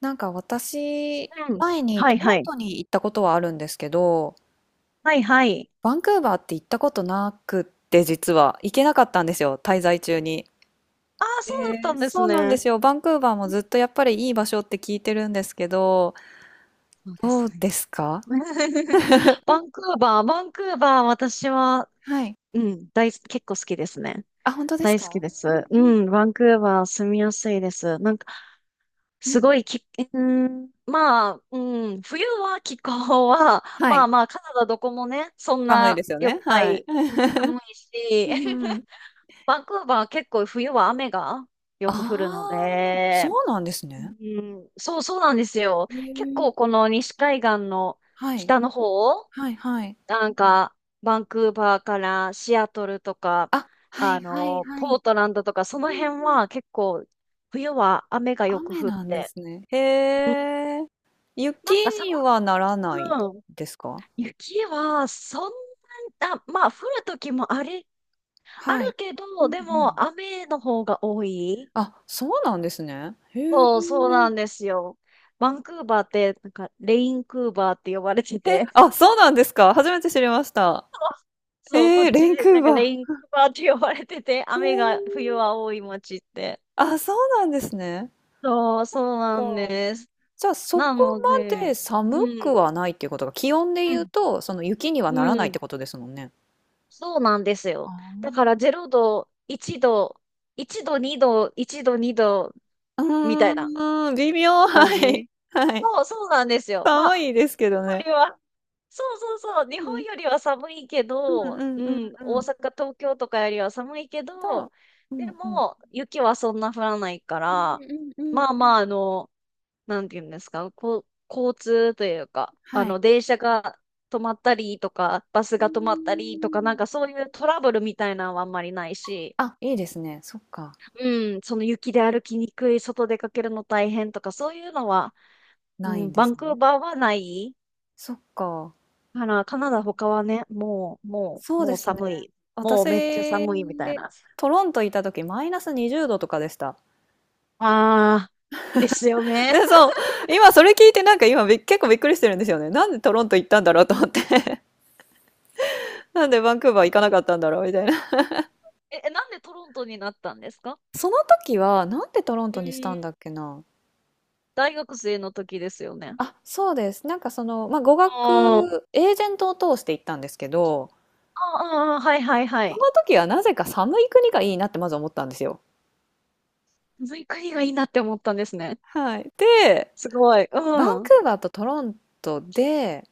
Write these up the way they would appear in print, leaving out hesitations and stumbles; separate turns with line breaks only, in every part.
なんか私、
うん。
前に
は
ト
い
ロ
は
ン
い。
トに行ったことはあるんですけど、
はいはい。
バンクーバーって行ったことなくって実は行けなかったんですよ、滞在中に。
ああ、
え
そうだったんです
そうなん
ね。
ですよ。バンクーバーもずっとやっぱりいい場所って聞いてるんですけど、
そうで
ど
す
う
ね。
ですか。
バンクーバー、私は、
はい。
結構好きですね。
あ、本当です
大好き
か。
で
う
す。う
ん
ん、バンクーバー住みやすいです。なんか、
うんう
す
ん。
ごいき、うん、まあ、うん、冬は気候は、
は
ま
い。
あまあ、カナダどこもね、そん
寒いで
な
すよ
良
ね。
くな
はい。
い、寒 いし、
うんう ん。
バンクーバー結構冬は雨がよ
あ
く降るの
あ、そう
で、
なんです
う
ね。
ん、そうそうなんですよ。
へ
結
え。
構この西海岸の
はい。
北の方、
はいはい。
なんかバンクーバーからシアトルとか、
あ、はい
あ
はい
の、
は
ポー
い。
トランドとか、そ
うん
の
うん。
辺は結構冬は雨がよく
雨
降っ
なんで
て、
すね。へ
うん
え。雪
なんか寒
に
く、
はならない
うん
ですか？
雪はそんな、まあ降る時もあり、あ
はい。
るけ
うん
ど、
う
で
ん。
も雨の方が多い。
あ、そうなんですね。へえ。
そうそうなんですよ。バンクーバーって、なんかレインクーバーって呼ばれて
え、
て、
あ、そうなんですか？初めて知りました。
そう、こ
え
っ
え、
ち
レン
で、
ク
な
ー
んかレ
バ
インカバーって呼ばれてて、
ー。へ
雨が
え。
冬は多い町って。
あ、そうなんですね。
そう、そうな
か。
んです。
じゃあ、そ
な
こ
の
ま
で、
で
う
寒く
ん、
はないっていうことが、気温で
う
言う
ん、
と、その雪にはな
う
らないっ
ん、
てことですもんね。
そうなんですよ。だか
あ
ら0度、1度、1度、2度、1度、2度、
あ。
みた
う
いな
ーん、微妙、
感じ。
はい。はい。
そう、そうなんですよ。まあ、
寒いですけど
よ
ね。
りは、そうそうそう、日
う
本
ん。
よりは寒いけ
うん
ど、
うん
う
うん
ん、
う
大
ん。
阪、東京とかよりは寒いけど、
と、
でも、雪はそんな降らないか
う
ら、
んうんうんうんうん
まあ
うん、
まあ、あの、なんていうんですか、こう、交通というか、あ
は
の、
い。
電車が止まったりとか、バス
うー
が止まったりとか、なん
ん。
かそういうトラブルみたいなのはあんまりないし、
あ、いいですね。そっか、
うん、その雪で歩きにくい、外出かけるの大変とか、そういうのは、う
ない
ん、
んで
バ
す
ンクー
ね。
バーはない
そっか、
から、カナダ他はね、もう、も
そ
う、
うで
もう
すね。
寒い。もうめっちゃ
私、
寒いみたいな。
トロントいた時マイナス20度とかでした。
あー、ですよ ね。
で、そ う、今それ聞いてなんか今結構びっくりしてるんですよね。なんでトロント行ったんだろうと思って。なんでバンクーバー行かなかったんだろうみたいな。
なんでトロントになったんですか？
その時はなんでトロン
う
トにした
ー
んだ
ん。
っけな。
大学生の時ですよね。
あ、そうです。なんかその、まあ、語
あー、
学エージェントを通して行ったんですけど、
ああ、あーはいはいは
そ
い。
の時はなぜか寒い国がいいなってまず思ったんですよ。
ずういう国がいいなって思ったんですね。
はい。で、
すごい。う
バン
ん。う
クーバーとトロントで、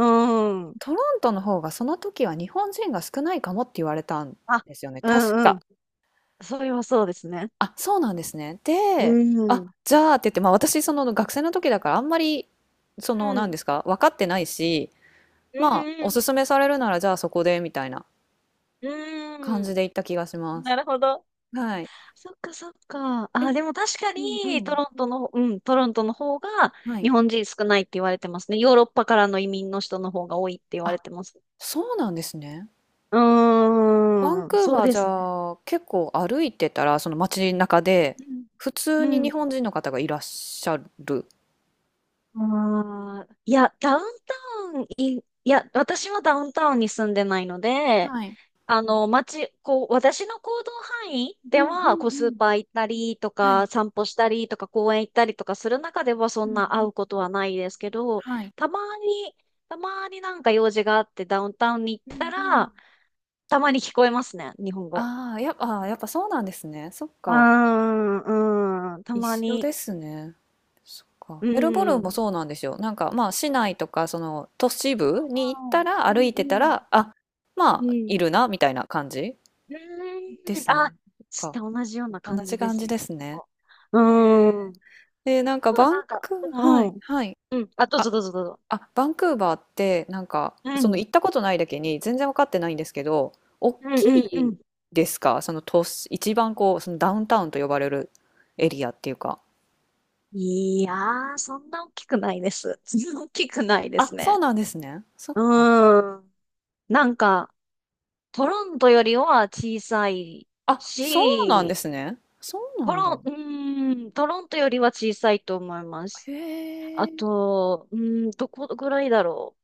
ん。
トロントの方がその時は日本人が少ないかもって言われたん
あ、
ですよね、
う
確
んう
か。
ん。それはそうですね。
あ、そうなんですね。
う
で、
ん。う
あ、
ん。
じゃあって言って、ま、私その学生の時だからあんまり、その、
う
なん
ん
ですか、分かってないし、
う
まあ、お
ん。
勧めされるならじゃあそこでみたいな感
う
じ
ん。
で行った気がします。
なるほど。
はい。
そっかそっか。あ、でも確か
うんう
に、ト
ん。
ロントの、うん、トロントの方が
は
日
い。
本人少ないって言われてますね。ヨーロッパからの移民の人の方が多いって言われ
あ、
てます。
そうなんですね。
う
バン
ー
ク
ん、
ー
そう
バー
で
じ
すね。
ゃあ結構歩いてたらその街中で普通
う
に日
ん、
本人の方がいらっしゃる。
あーいや、ダウンタウンい、いや、私はダウンタウンに住んでないので、
はい。
あの、街、こう、私の行動範囲
う
で
んう
は、こう、
んう
スー
ん。
パー行ったりと
は
か、
い。
散歩したりとか、公園行ったりとかする中では、そ
うん
んな
う
会うこ
ん。
とはないですけど、
はい。
たまに、たまになんか用事があってダウンタウンに
う
行った
んうん。
ら、たまに聞こえますね、日本語。
ああ、やっぱ、あーやっぱそうなんですね。そっ
うー
か。
ん、うん、た
一
ま
緒
に、
ですね。そっか。
うん、
メルボルンも
う
そうなんですよ。なんかまあ市内とかその都市部に行っ
ん、
たら歩
う
いてた
ん、
ら、あ、
う
ま
ん、う
あい
ん、
るなみたいな感じ
う
で
ーん。
す
あ、
ね。
して、同じような
同
感
じ
じで
感
す
じ
ね、き
で
っ
すね。
と。う
え
ーん。
ー、えーなん
あ
か
とは
バン
なんか、
ク、
う
は
んう
い、
ん。
はい。
うん。あ、どうぞ
あ、
どうぞどうぞ。
あ、バンクーバーって、なんか、
う
その
ん。
行ったことないだけに全然分かってないんですけど、大
うん
き
うんう
い
ん。
ですかその都市、一番こう、そのダウンタウンと呼ばれるエリアっていうか。
いやー、そんな大きくないです。そんな大きくないで
あ、
す
そう
ね。
なんですね。そっか。
うーん。なんか、トロントよりは小さい
あ、そうなんで
し、
すね。そうな
ト
んだ。
ロン、うトロントよりは小さいと思いま
へ
す。あ
え。
と、うーん、どこぐらいだろ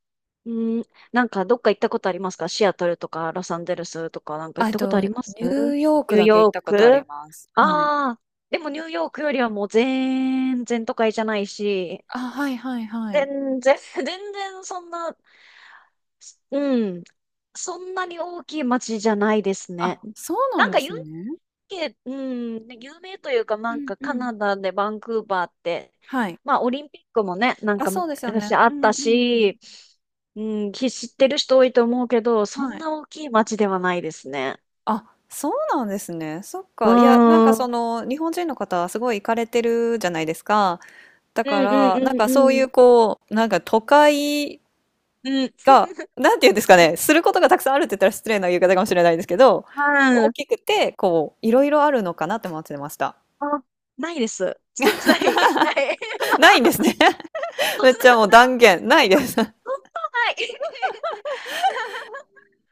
う。うん、なんかどっか行ったことありますか？シアトルとかロサンゼルスとかなんか行
あ、
ったことあり
ニ
ます
ューヨー
ニ
ク
ュー
だけ行っ
ヨー
たことあり
ク。
ます。はい。
ああ、でもニューヨークよりはもう全然都会じゃないし、
あ、はいはいはい。
全然、全然そんな、うん、そんなに大きい街じゃないですね。
あ、そうな
なん
んで
か
す
ユ
ね。
ンけ、うん、で有名というか、な
う
ん
ん
か
う
カ
ん。
ナダでバンクーバーって、
はい。
まあオリンピックもね、なん
あ、
か
そうですよね。
昔あ
う
っ
ん
た
うんうん。
し、うん、き知ってる人多いと思うけど、そん
はい。
な大きい街ではないですね。
あ、そうなんですね。そっ
うー
か。いや、なん
ん、
か
う
そ
ん
の、日本人の方はすごい行かれてるじゃないですか。だ
う
か
んう
ら、なん
ん
かそう
う
いう
ん
こう、なんか都会
うん、うん、
が、なんていうんですか
う
ね、することがたくさんあるって言ったら失礼な言い方かもしれないですけど、大
ん、
きくて、こう、いろいろあるのかなって思ってました。
あ、ないです。ない、ない。
ないんですね。
そん
めっ
な、そ
ち
んな、
ゃもう断言、ないです。
そんなない。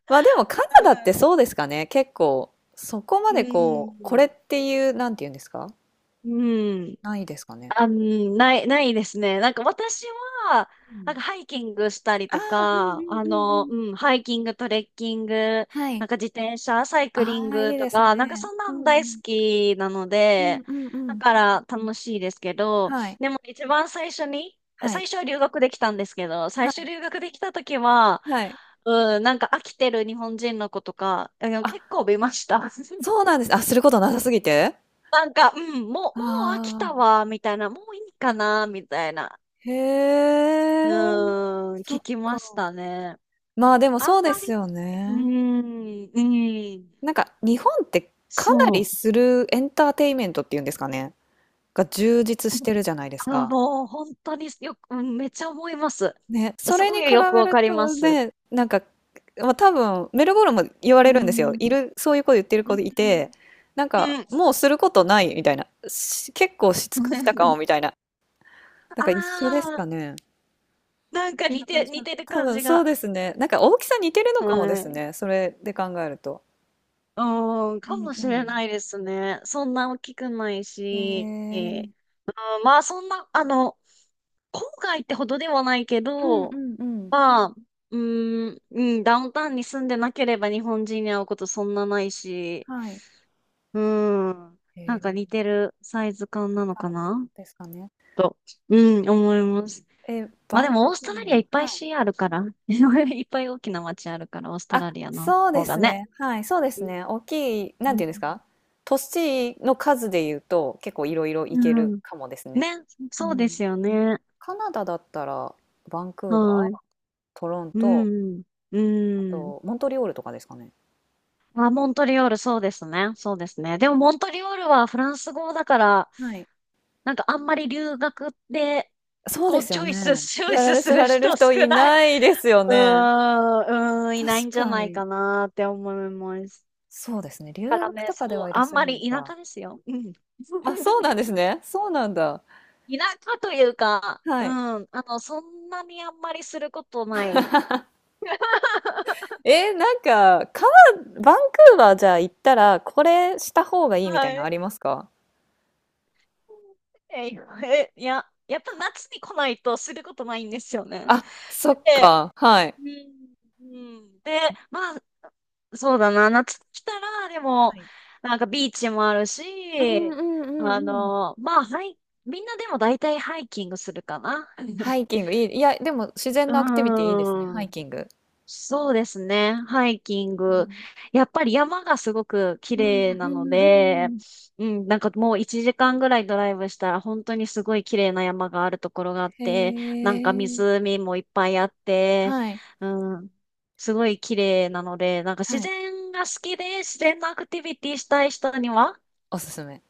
まあでもカナダってそうですかね。結構、そこ ま
う
でこう、こ
ん、
れっていう、なんて言うんですか、
うん、うん。
ないですかね？
あ、ないですね。なんか私は、
う
な
ん。
んかハイキングしたり
あ
と
あ、うんう
か、
ん
あ
うん
の、
うん。
うん、ハイキング、トレッキング、
はい。
なんか自転車、サイクリ
あ
ン
あ、い
グ
いで
と
す
か、なんか
ね。
そん
う
なん
んう
大好
ん。
きなの
うん
で、
うんう
だ
ん。
から楽しいですけど、
はい。
でも一番最初に、
は
最
い。
初は留学できたんですけど、最
は
初
い。
留学できた時は、
はい。
うん、なんか飽きてる日本人の子とか、あの
あ、
結構見ました。
そうなんです。あ、することなさすぎて？
なんか、もう飽き
あ
た
あ、
わ、みたいな、もういいかな、みたいな。
へ
う
え、
ーん、
そ
聞
っ
き
か。
ましたね。
まあ、でも
あん
そうで
ま
す
り、
よ
うー
ね。
ん、うん、
なんか日本ってかな
そ
り
う。
するエンターテインメントっていうんですかね、が充実してるじゃないです
あ、
か。
もう本当によく、うんめっちゃ思います。
ね、そ
す
れに
ご
比
いよく
べ
わ
る
かりま
と
す。
ね、なんか、まあ、多分メルボルンも言われるん
う
ですよ。い
ん、
る、そういう子言ってる
う
子いて、
ん、
なん
う
か
ん。
もうすることないみたいな。し結構し尽くしたかも みたいな。なん
あ
か一緒ですか
あ、
ね。そんな感じか
似
な。
てる
多
感
分
じ
そう
が。
ですね。なんか大きさ似てるのかもで
は
す
い。
ね。それで考えると。
うん、
う
かもしれ
ん
ないですね。そんな大きくない
うん。
し。
えー、
まあ、そんな、あの、郊外ってほどではないけ
うんう
ど、
んうん。
まあ、うーん、うん、ダウンタウンに住んでなければ日本人に会うことそんなないし、
はい。
うーん、なんか
え
似
ー、
てるサイズ感なの
な
か
のかな
な
ですかね。
と、うん、思います。
えー、
ま
バ
あで
ンク
もオーストラ
ーバ
リアい
ー。
っぱ
は
い
い。
市あるから、いっぱい大きな街あるから、オーストラ
あ、
リアの
そうで
方が
す
ね。
ね。はい、そうですね。大きい、
う
なんていうんです
ん
か、都市の数で言うと結構いろいろ行け
う
る
ん。
かもですね。
ね、
う
そうで
ん。
すよね。
カナダだったらバンクー
は
バ
い。
ー、トロン
う
ト、
ん。う
あ
ん。
とモントリオールとかですかね。
あ、モントリオール、そうですね。そうですね。でも、モントリオールはフランス語だから、
はい。
なんかあんまり留学で、
そう
こ
で
う、
す
チ
よ
ョイス、
ね。
チョイ
され
ス
る、
する
される
人少
人い
ない。
ないですよ
う
ね。
ーん、うーん、いない
確
んじゃ
か
ない
に。
かなって思います。
そうですね。留
だから
学
ね、
と
そ
かでは
う、
いらっ
あ
し
ん
ゃ
ま
らない
り田
か。
舎ですよ。うん。
あ、そうなんです
田
ね。そうなんだ。
舎というか、
は
う
い。
ん、あの、そんなにあんまりすることない。
えー、なんか、川、バンクーバーじゃあ行ったら、これした方がいいみたい
は
なの
い。
ありますか。
え、いや、やっぱ夏に来ないとすることないんですよね。
あ、そっ
で、
か、はい。
うん。うんで、まあ、そうだな、夏来たら、でも、
はい。
なんかビーチもある
うん
し、
うんうんう
あ
ん。
の、まあ、はい、みんなでも大体ハイキングするかな。
ハ イキング、いい、いや、でも自然のアクティビ
う
ティいいですね、ハイ
ん。
キング。
そうですね。ハイキング。やっぱり山がすごく綺
うん、う
麗
ん、
な
う
の
ん、うんう
で、
ん。
うん、なんかもう1時間ぐらいドライブしたら本当にすごい綺麗な山があるところがあって、
へ
なんか
え、
湖もいっぱいあって、
はい、
うん、すごい綺麗なので、なんか自
はい、
然が好きで自然のアクティビティしたい人には、
おすすめ。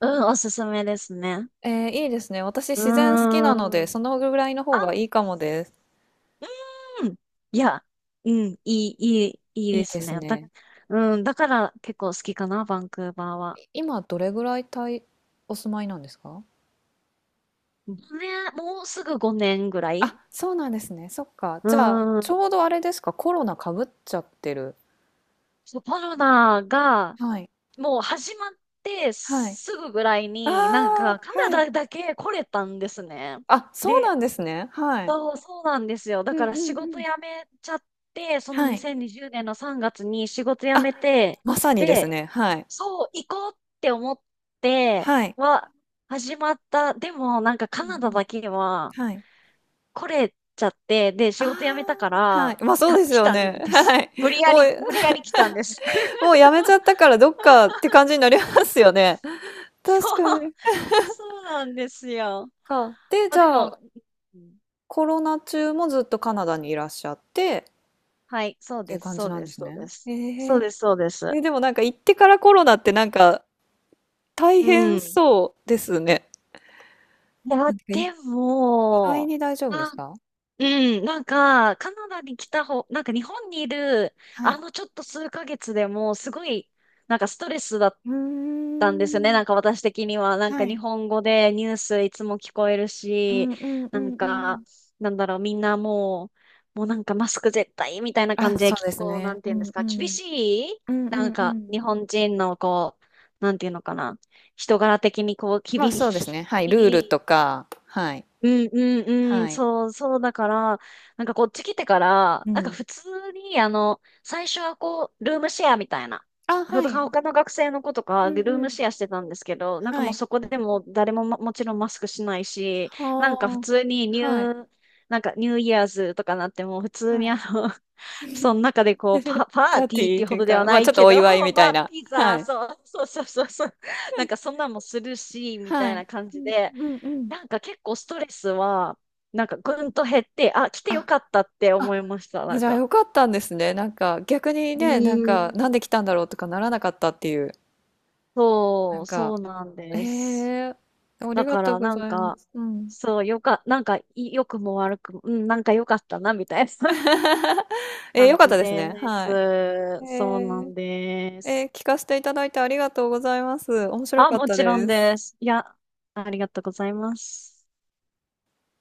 うん、おすすめですね。
えー、いいですね。私
う
自然好
ー
きなので、
ん。
そのぐらいの方
あ、うん
がいいかもです。
うん。いや、うん、いい、いい、いい
いい
で
で
す
す
ね。だ、
ね。
うん、だから結構好きかな、バンクーバーは。
今どれぐらいお住まいなんですか。
ごねん、もうすぐ5年ぐらい。
あ、そうなんですね。そっか。
う
じゃあ、ち
ん。
ょうどあれですか、コロナかぶっちゃってる。
そうコロナが、
はい。
もう始まって
はい。
すぐぐらい
あ
に、なんか
あ、
カナ
はい。
ダだけ来れたんですね。
あ、そうな
で、
んですね。はい。
そう、そうなんですよ。だ
うん
か
う
ら
ん
仕
う
事
ん。
辞めちゃって、その
はい。
2020年の3月に仕事辞
あ、
めて、
まさにです
で、
ね。はい。
そう、行こうって思って
はい。
は始まった。でもなんか
う
カ
んう
ナダ
ん。
だけは
はい。
来れちゃって、で、
あ
仕事辞めたか
あ、はい。
ら
ま、あそうです
来
よ
た
ね。
んで
は
す。
い。もう
無理やり来たんです。
もう やめちゃったからどっかって感じになりますよね。確
そう、
かに。
そうなんですよ。
か。で、
ま
じ
あで
ゃ
も、
あ、
うん、
コロナ中もずっとカナダにいらっしゃって
はい、
っていう感じなんです
そう
ね。
で
え
す。
え。
そうです。
え、でもなんか行ってからコロナってなんか大
う
変
ん。
そうですね。
いや、
なんか
で
意外
も、
に大丈夫で
まあ
すか。
うん、なんか、カナダに来た方、なんか日本にいる、
はい。
あのちょっと数ヶ月でも、すごい、なんかストレスだっ
うー
たんですよね。
ん。
なんか私的には、なん
は
か日
い。
本語でニュースいつも聞こえる
う
し、
んうんう
なん
んうん。
か、なんだろう、みんなもう、もうなんかマスク絶対みたいな
あ、
感じで、
そう
結
です
構、な
ね。
ん
う
ていうんで
ん
す
う
か、厳
ん。
しい。
うんう
な
ん
ん
う
か、
ん。
日本人のこう、なんていうのかな、人柄的にこう、
まあ
厳
そうです
し
ね。はい。ルール
い。
とか、はい。
うんうんうん、
はい。
そう、そうだから、なんかこっち来てから、
う
なんか
ん。
普通に、あの、最初はこう、ルームシェアみたいな。
あ、はい。う
他の学生の子とか、ル
んう
ーム
ん。
シェアしてたんですけど、なんか
は
もう
い。
そこでもう誰ももちろんマスクしないし、なんか普
はあ。
通にニ
はい。
ュー、なんかニューイヤーズとかなってもう普通
は
にあ
い。
の、その中で こ
パ
う、パー
ー
テ
テ
ィーっ
ィー
て
っ
いう
て
ほ
いう
どでは
か、ま
な
あち
い
ょっと
け
お
ど、
祝い みた
ま
い
あ、
な。
ピ
は
ザ、
い。
そう、そう、なんかそんなんもするし、みた
は
いな
い。
感
う
じ
ん
で、
うんうん。
なんか結構ストレスは、なんかぐんと減って、あ、来てよ
あ、
かったって思
あ、
いました、なん
じゃあ
か。
よかったんですね。なんか逆に
う
ね、なん
ー
かなんで
ん。
来たんだろうとかならなかったっていう。な
そ
ん
う、
か、
そうなん
え
です。
えあり
だ
が
か
とう
ら
ご
なん
ざいま
か、
す。うん。
そう、よか、なんか、い良くも悪くも、うん、なんか良かったな、みたいな
えー、
感
よかっ
じ
たですね。
です。
はい。え
そうな
ー、
んで
え
す。
ー聞かせていただいてありがとうございます。面白
あ、
かっ
も
た
ちろん
です。
です。いや、ありがとうございます。